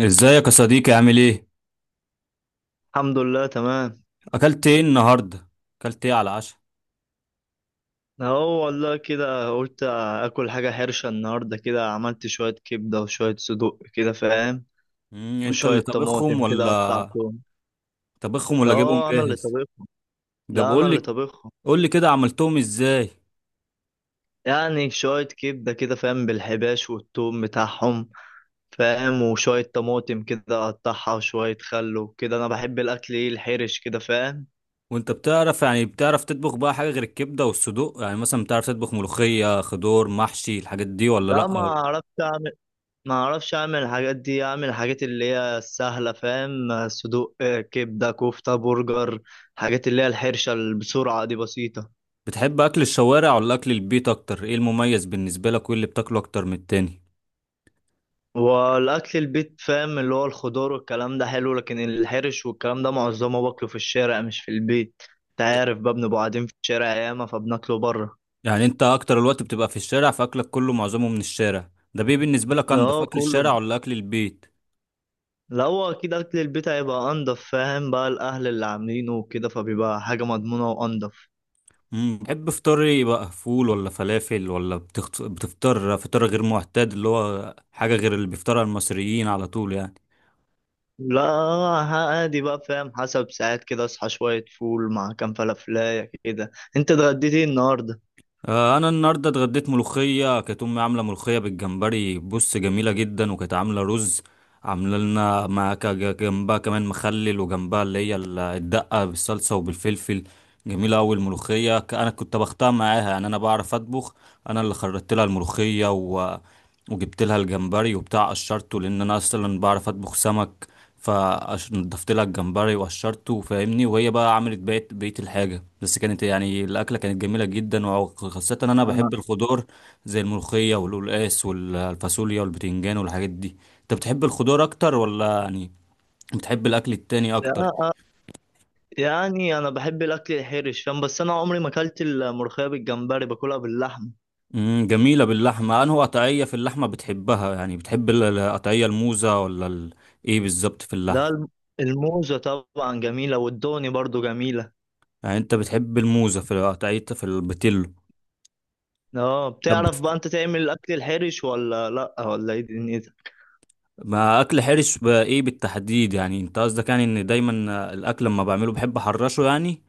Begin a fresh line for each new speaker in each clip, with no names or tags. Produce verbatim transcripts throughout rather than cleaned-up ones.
ازيك يا صديقي؟ عامل ايه؟
الحمد لله تمام.
اكلت ايه النهارده؟ اكلت ايه على العشاء؟
اهو والله كده قلت اكل حاجة حرشة النهاردة، كده عملت شوية كبدة وشوية صدوق، كده فاهم؟
مم، انت
وشوية
اللي طبخهم
طماطم كده
ولا؟
قطعتهم.
طبخهم ولا جايبهم
اه، انا اللي
جاهز؟
طبخهم.
ده
لا، انا
بقول
اللي
لك.
طبخهم.
قول لي كده عملتهم ازاي.
يعني شوية كبدة كده، فاهم؟ بالحباش والثوم بتاعهم. فاهم؟ وشوية طماطم كده اقطعها، وشوية خل وكده. انا بحب الاكل ايه؟ الحرش كده، فاهم؟
وانت بتعرف، يعني بتعرف تطبخ بقى حاجه غير الكبده والصدوق؟ يعني مثلا بتعرف تطبخ ملوخيه، خضار، محشي، الحاجات دي ولا
لا،
لا
ما
ولا-
عرفت اعمل. ما اعرفش اعمل الحاجات دي، اعمل الحاجات اللي هي السهله، فاهم؟ صدوق، آه، كبده، كفته، برجر. الحاجات اللي هي الحرشه اللي بسرعه دي بسيطه.
بتحب اكل الشوارع ولا اكل البيت اكتر؟ ايه المميز بالنسبه لك؟ وايه اللي بتاكله اكتر من التاني؟
والاكل البيت، فاهم، اللي هو الخضار والكلام ده حلو، لكن الحرش والكلام ده معظمه باكله في الشارع، مش في البيت. انت عارف بقى، بنبقى قاعدين في الشارع ياما، فبناكله بره.
يعني انت اكتر الوقت بتبقى في الشارع، فاكلك كله معظمه من الشارع ده. بيه بالنسبه لك انضف
اه،
اكل
كله.
الشارع ولا اكل البيت؟
لا، هو اكيد اكل البيت هيبقى انضف، فاهم؟ بقى الاهل اللي عاملينه وكده، فبيبقى حاجه مضمونه وانضف.
امم بتحب فطاري يبقى فول ولا فلافل ولا بتخت... بتفطر فطار غير معتاد اللي هو حاجة غير اللي بيفطرها المصريين على طول يعني؟
لا. عادي بقى، فاهم؟ حسب، ساعات كده اصحى شوية فول مع كام فلافلاية كده. انت اتغديت ايه النهاردة؟
آه، انا النهارده اتغديت ملوخية. كانت امي عاملة ملوخية بالجمبري، بص جميلة جدا، وكانت عاملة رز. عامله لنا مع ك- ج- جنبها كمان مخلل، وجنبها اللي هي ال- الدقه بالصلصه وبالفلفل. جميله قوي الملوخيه. ك- انا كنت بختار معاها، يعني انا بعرف اطبخ. انا اللي خرجت لها الملوخيه و... وجبت لها الجمبري وبتاع قشرته، لان انا اصلا بعرف اطبخ سمك. فنضفت لها الجمبري وقشرته، فاهمني، وهي بقى عملت بقيت بقيه الحاجه. بس كانت يعني الاكله كانت جميله جدا، وخاصه ان انا
انا
بحب الخضار، زي الملوخيه والقلقاس والفاصوليا والبتنجان والحاجات دي. انت بتحب الخضار اكتر، ولا يعني بتحب الاكل التاني
يا-
اكتر؟
آه، يعني انا بحب الاكل الحرش، فاهم؟ بس انا عمري ما اكلت الملوخية بالجمبري، باكلها باللحمة.
امم جميله باللحمه. انه قطعيه في اللحمه بتحبها؟ يعني بتحب ال- القطعيه الموزه ولا ال... ايه بالظبط في
ده
اللحمه؟
الم- الموزة طبعا جميلة، والدوني برضو جميلة.
يعني انت بتحب الموزه في القطعيه في البتلو؟
اه،
ده
بتعرف
بت...
بقى انت تعمل الاكل الحرش ولا لا، ولا ايه دنيتك؟
ما اكل حرش بقى ايه بالتحديد؟ يعني انت قصدك يعني ان دايما الاكل لما بعمله بحب احرشه يعني؟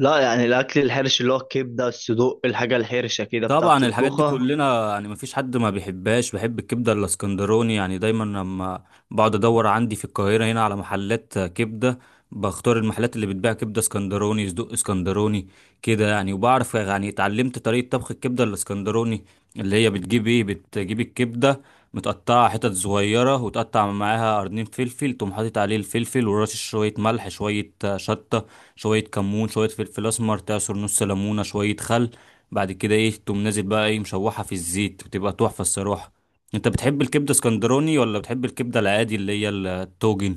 لا، يعني الاكل الحرش اللي هو الكبدة، الصدوق، الحاجة الحرشة كده. بتعرف
طبعا الحاجات دي
تطبخها؟
كلنا، يعني مفيش حد ما بيحبهاش. بحب الكبده الاسكندراني، يعني دايما لما بقعد ادور عندي في القاهره هنا على محلات كبده، بختار المحلات اللي بتبيع كبده اسكندراني، صدوق اسكندراني كده يعني. وبعرف، يعني اتعلمت طريقه طبخ الكبده الاسكندراني، اللي هي بتجيب ايه، بتجيب الكبده متقطعه حتت صغيره، وتقطع معاها قرنين فلفل، تقوم حاطط عليه الفلفل ورشش شويه ملح، شويه شطه، شويه كمون، شويه فلفل اسمر، تعصر نص ليمونه، شويه خل. بعد كده ايه، تقوم نازل بقى ايه مشوحة في الزيت، بتبقى تحفة الصراحة. انت بتحب الكبدة اسكندراني، ولا بتحب الكبدة العادي اللي هي التوجن؟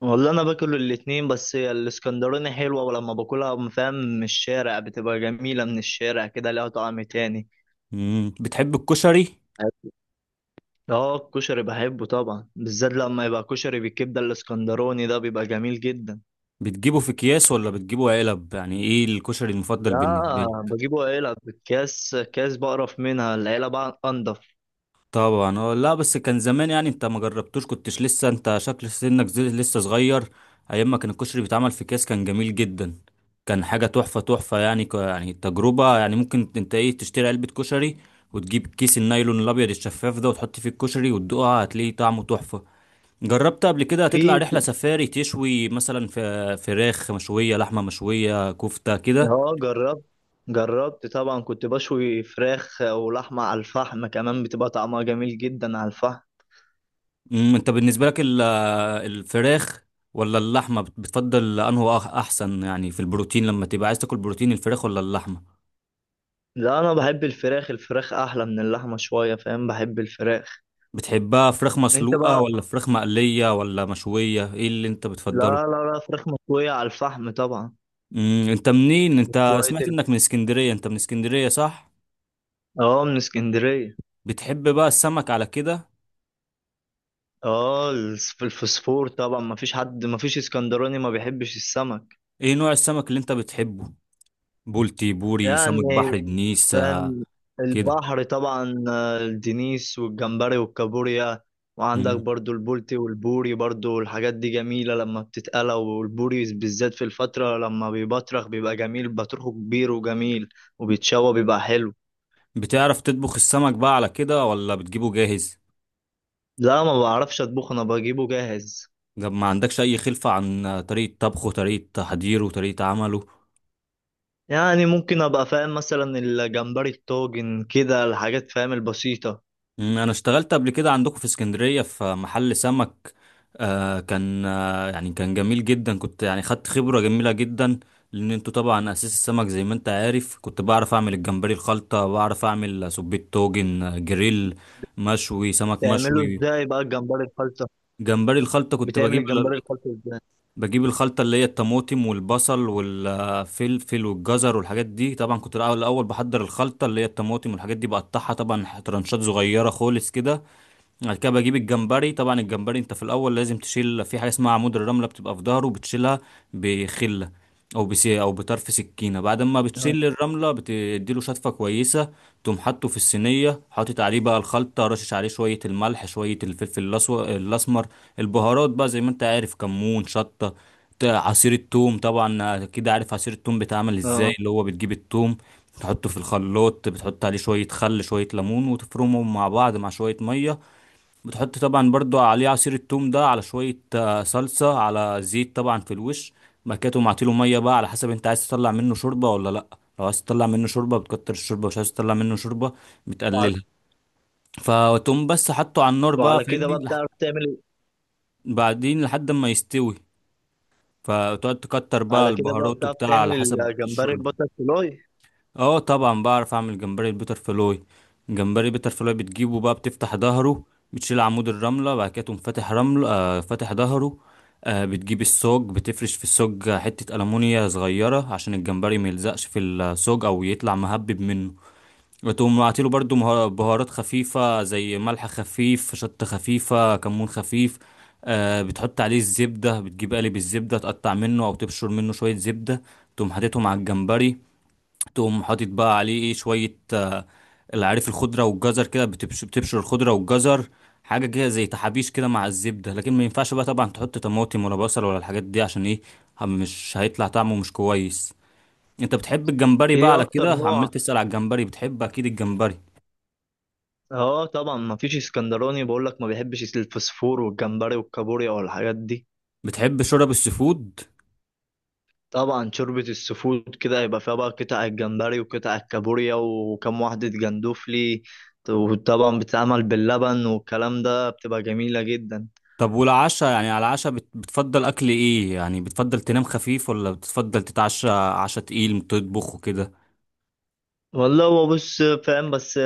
والله انا باكل الاتنين، بس هي الاسكندراني حلوه، ولما باكلها من- فاهم، من الشارع بتبقى جميله. من الشارع كده ليها طعم تاني.
مم. بتحب الكشري؟
اه، الكشري بحبه طبعا، بالذات لما يبقى كشري بالكبده الاسكندراني، ده بيبقى جميل جدا.
بتجيبه في اكياس ولا بتجيبه علب؟ يعني ايه الكشري المفضل بالنسبة
لا،
لك؟
بجيبه علب. بالكاس كاس بقرف منها، العلب بقى انضف.
طبعا. اه، لا، بس كان زمان، يعني انت ما جربتوش، كنتش لسه، انت شكل سنك زي- لسه صغير. ايام ما كان الكشري بيتعمل في كاس كان جميل جدا، كان حاجه تحفه تحفه، يعني ك... يعني تجربه. يعني ممكن انت ايه تشتري علبه كشري، وتجيب كيس النايلون الابيض الشفاف ده وتحط فيه الكشري وتدوقها، هتلاقيه طعمه تحفه. جربت قبل كده تطلع
في
رحله سفاري تشوي مثلا في فراخ مشويه، لحمه مشويه، كفته كده؟
اه، جربت. جربت طبعا كنت بشوي فراخ ولحمه على الفحم كمان، بتبقى طعمها جميل جدا على الفحم.
امم، انت بالنسبه لك الفراخ ولا اللحمة بت- بتفضل أنه أح- أحسن يعني في البروتين؟ لما تبقى عايز تاكل بروتين، الفراخ ولا اللحمة؟
لا، انا بحب الفراخ. الفراخ احلى من اللحمه شويه، فاهم؟ بحب الفراخ.
بتحبها فراخ
انت
مسلوقة
بقى.
ولا فراخ مقلية ولا مشوية؟ إيه اللي أنت بتفضله؟
لا لا لا، فراخ مشويه على الفحم طبعا.
امم أنت منين؟ أنت
شويه
سمعت
ال-
إنك من اسكندرية، أنت من اسكندرية صح؟
اه، من اسكندريه.
بتحب بقى السمك على كده؟
اه الس- الفسفور طبعا. ما فيش حد، ما فيش اسكندراني ما بيحبش السمك.
إيه نوع السمك اللي أنت بتحبه؟ بولتي، بوري،
يعني،
سمك بحر، دنيس، آه،
كان
كده؟
البحر طبعا، آه، الدنيس والجمبري والكابوريا. وعندك
امم
برضو البولتي والبوري، برضو الحاجات دي جميلة لما بتتقلى. والبوري بالذات في الفترة لما بيبطرخ بيبقى جميل، بطرخه كبير وجميل، وبيتشوى بيبقى حلو.
بتعرف تطبخ السمك بقى على كده، ولا بتجيبه جاهز؟
لا، ما بعرفش اطبخ، انا بجيبه جاهز.
ده ما عندكش اي خلفة عن طريقة طبخه، طريقة تحضيره، طريقة عمله؟
يعني ممكن ابقى فاهم مثلا الجمبري الطاجن كده، الحاجات فاهم البسيطة.
أمم، انا اشتغلت قبل كده عندكم في اسكندرية في محل سمك. آه كان آه يعني كان جميل جدا، كنت يعني خدت خبرة جميلة جدا. لان انتوا طبعا اساس السمك، زي ما انت عارف. كنت بعرف اعمل الجمبري الخلطة، بعرف اعمل سبيت توجن، آه، جريل، مشوي، سمك
بتعمله
مشوي.
ازاي بقى الجمبري الخلطة؟
جمبري الخلطة كنت
بتعمل
بجيب،
الجمبري الخلطة ازاي؟
بجيب الخلطة اللي هي الطماطم والبصل والفلفل والجزر والحاجات دي. طبعا كنت الأول الأول بحضر الخلطة، اللي هي الطماطم والحاجات دي بقطعها، طبعا ترانشات صغيرة خالص كده. بعد كده بجيب الجمبري. طبعا الجمبري انت في الاول لازم تشيل في حاجه اسمها عمود الرمله، بتبقى في ظهره بتشيلها، بخله او بسي او بطرف سكينه. بعد ما
اه.
بتشيل الرمله بتديله شطفه كويسه، تقوم حاطه في الصينيه، حاطط عليه بقى الخلطه، رشش عليه شويه الملح، شويه الفلفل الأسو- الاسمر، البهارات بقى زي ما انت عارف، كمون، شطه، ت- عصير الثوم. طبعا كده عارف عصير الثوم بيتعمل ازاي،
آه.
اللي هو بتجيب الثوم تحطه في الخلاط، بتحط عليه شويه خل، شويه ليمون، وتفرمهم مع بعض مع شويه ميه. بتحط طبعا برضو عليه عصير التوم ده، على شوية آه، صلصة، على زيت طبعا في الوش. بعد كده تقوم عاطيله مية بقى على حسب انت عايز تطلع منه شوربة ولا لأ. لو عايز تطلع منه شوربة بتكتر الشوربة، مش عايز تطلع منه شوربة
وعلى
بتقللها. فتقوم بس حطه على النار بقى،
وعلى كده
فاهمني
بقى
لح...
بتعرف تعمل.
بعدين لحد ما يستوي، فتقعد تكتر بقى
على كده بقى
البهارات
بتعرف
وبتاع على
تعمل
حسب
الجمبري
الشوربة.
الباتر فلاي؟
اه طبعا بعرف اعمل جمبري البيتر فلوي. جمبري بيتر فلوي بتجيبه بقى، بتفتح ظهره، بتشيل عمود الرمله، بعد كده تقوم فاتح رمله، آه فاتح ظهره. آه بتجيب السوج، بتفرش في السوج حته ألمونيا صغيره عشان الجمبري ما يلزقش في السوج او يطلع مهبب منه. وتقوم معطيله برضو مه- بهارات خفيفه زي ملح خفيف، شطه خفيفه، كمون خفيف. آه بتحط عليه الزبده، بتجيب قالب الزبده تقطع منه او تبشر منه شويه زبده، تقوم حاططهم على الجمبري. تقوم حاطط بقى عليه ايه شوية، آه، العارف، الخضرة والجزر كده، بتبش- بتبشر الخضرة والجزر، حاجة كده زي تحابيش كده مع الزبدة. لكن ما ينفعش بقى طبعا تحط طماطم ولا بصل ولا الحاجات دي، عشان ايه، هم- مش هيطلع طعمه مش كويس. انت بتحب الجمبري بقى
ايه
على
اكتر
كده،
نوع؟
عمال تسأل على الجمبري، بتحب اكيد الجمبري.
اه، طبعا ما فيش اسكندراني، بقول لك، ما بيحبش الفسفور والجمبري والكابوريا والحاجات دي.
بتحب شرب السفود؟
طبعا شوربة السفود كده يبقى فيها بقى قطع الجمبري وقطع الكابوريا وكم واحدة جندوفلي، وطبعا بتتعمل باللبن والكلام ده، بتبقى جميلة جدا.
طب والعشاء، يعني على العشاء بت- بتفضل اكل ايه؟ يعني بتفضل تنام خفيف ولا بتفضل تتعشى عشاء تقيل تطبخ وكده؟
والله، هو بص فاهم، بس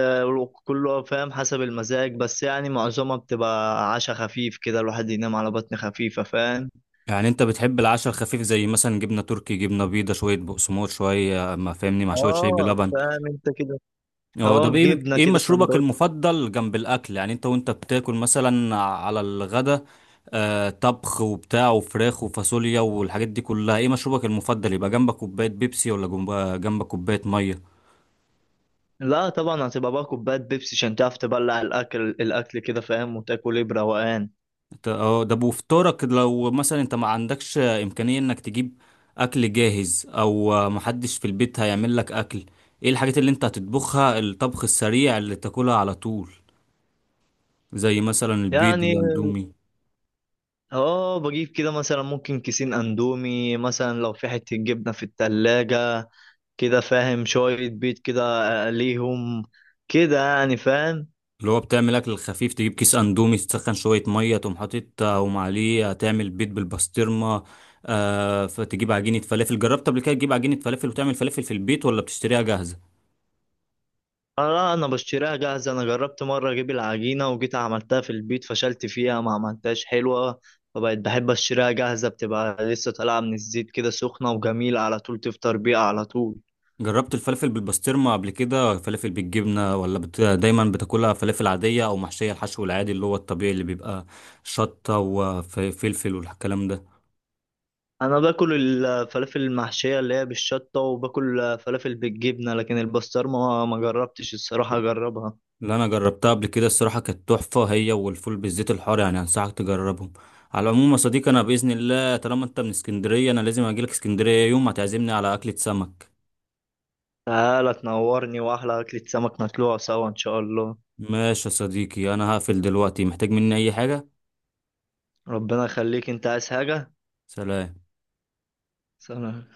كله فاهم حسب المزاج، بس يعني معظمها بتبقى عشاء خفيف كده، الواحد ينام على بطن خفيفة، فاهم؟
يعني انت بتحب العشاء الخفيف، زي مثلا جبنه تركي، جبنه بيضه، شويه بقسماط، شويه ما فاهمني، مع شويه شاي
اه
بلبن؟
فاهم انت كده.
هو
اه،
ده ايه
جبنه
ايه
كده
مشروبك
سندوتش.
المفضل جنب الاكل؟ يعني انت وانت بتاكل مثلا على الغدا، آه طبخ وبتاع وفراخ وفاصوليا والحاجات دي كلها، ايه مشروبك المفضل يبقى جنبك كوبايه بيبسي، ولا جنب- جنبك كوبايه ميه؟
لا طبعا هتبقى بقى كوبايه بيبسي، عشان تعرف تبلع الاكل. الاكل كده فاهم، وتاكل، ايه، بروقان.
ت- اه ده بوفطارك، لو مثلا انت ما عندكش امكانية انك تجيب اكل جاهز، او آه، محدش في البيت هيعمل لك اكل، ايه الحاجات اللي انت هتطبخها، الطبخ السريع اللي تاكلها على طول، زي مثلا البيض،
يعني
الاندومي.
اه، بجيب كده مثلا ممكن كيسين اندومي مثلا، لو في حته جبنه في التلاجة كده فاهم، شويه بيض كده اقليهم كده، يعني فاهم.
اللي هو بتعمل اكل خفيف، تجيب كيس اندومي، تسخن شوية مية، تقوم حاطط، تقوم عليه تعمل بيض بالبسطرمة. آه فتجيب عجينة فلافل. جربت قبل كده تجيب عجينة فلافل وتعمل فلافل في البيت ولا بتشتريها جاهزة؟
اه، انا بشتريها جاهزه. انا جربت مره اجيب العجينه، وجيت عملتها في البيت، فشلت فيها، ما عملتهاش حلوه. فبقيت بحب اشتريها جاهزه، بتبقى لسه طالعه من الزيت كده سخنه وجميله، على طول تفطر بيها على طول.
جربت الفلفل بالبسطرمة قبل كده؟ فلافل بالجبنة، ولا بت... دايما بتاكلها فلافل عادية أو محشية، الحشو العادي اللي هو الطبيعي اللي بيبقى شطة وفلفل والكلام ده؟
انا باكل الفلافل المحشيه اللي هي بالشطه، وباكل فلافل بالجبنه، لكن البسطرمه ما جربتش، الصراحه اجربها.
اللي أنا جربتها قبل كده الصراحة كانت تحفة، هي والفول بالزيت الحار، يعني أنصحك تجربهم. على العموم يا صديقي، أنا بإذن الله طالما أنت من اسكندرية، أنا لازم أجيلك اسكندرية يوم، هتعزمني على أكلة سمك.
تعالى تنورني، واحلى اكله سمك نطلعها سوا ان شاء الله.
ماشي يا صديقي، أنا هقفل دلوقتي، محتاج مني أي حاجة؟
ربنا يخليك، انت عايز حاجه؟
سلام.
سلام.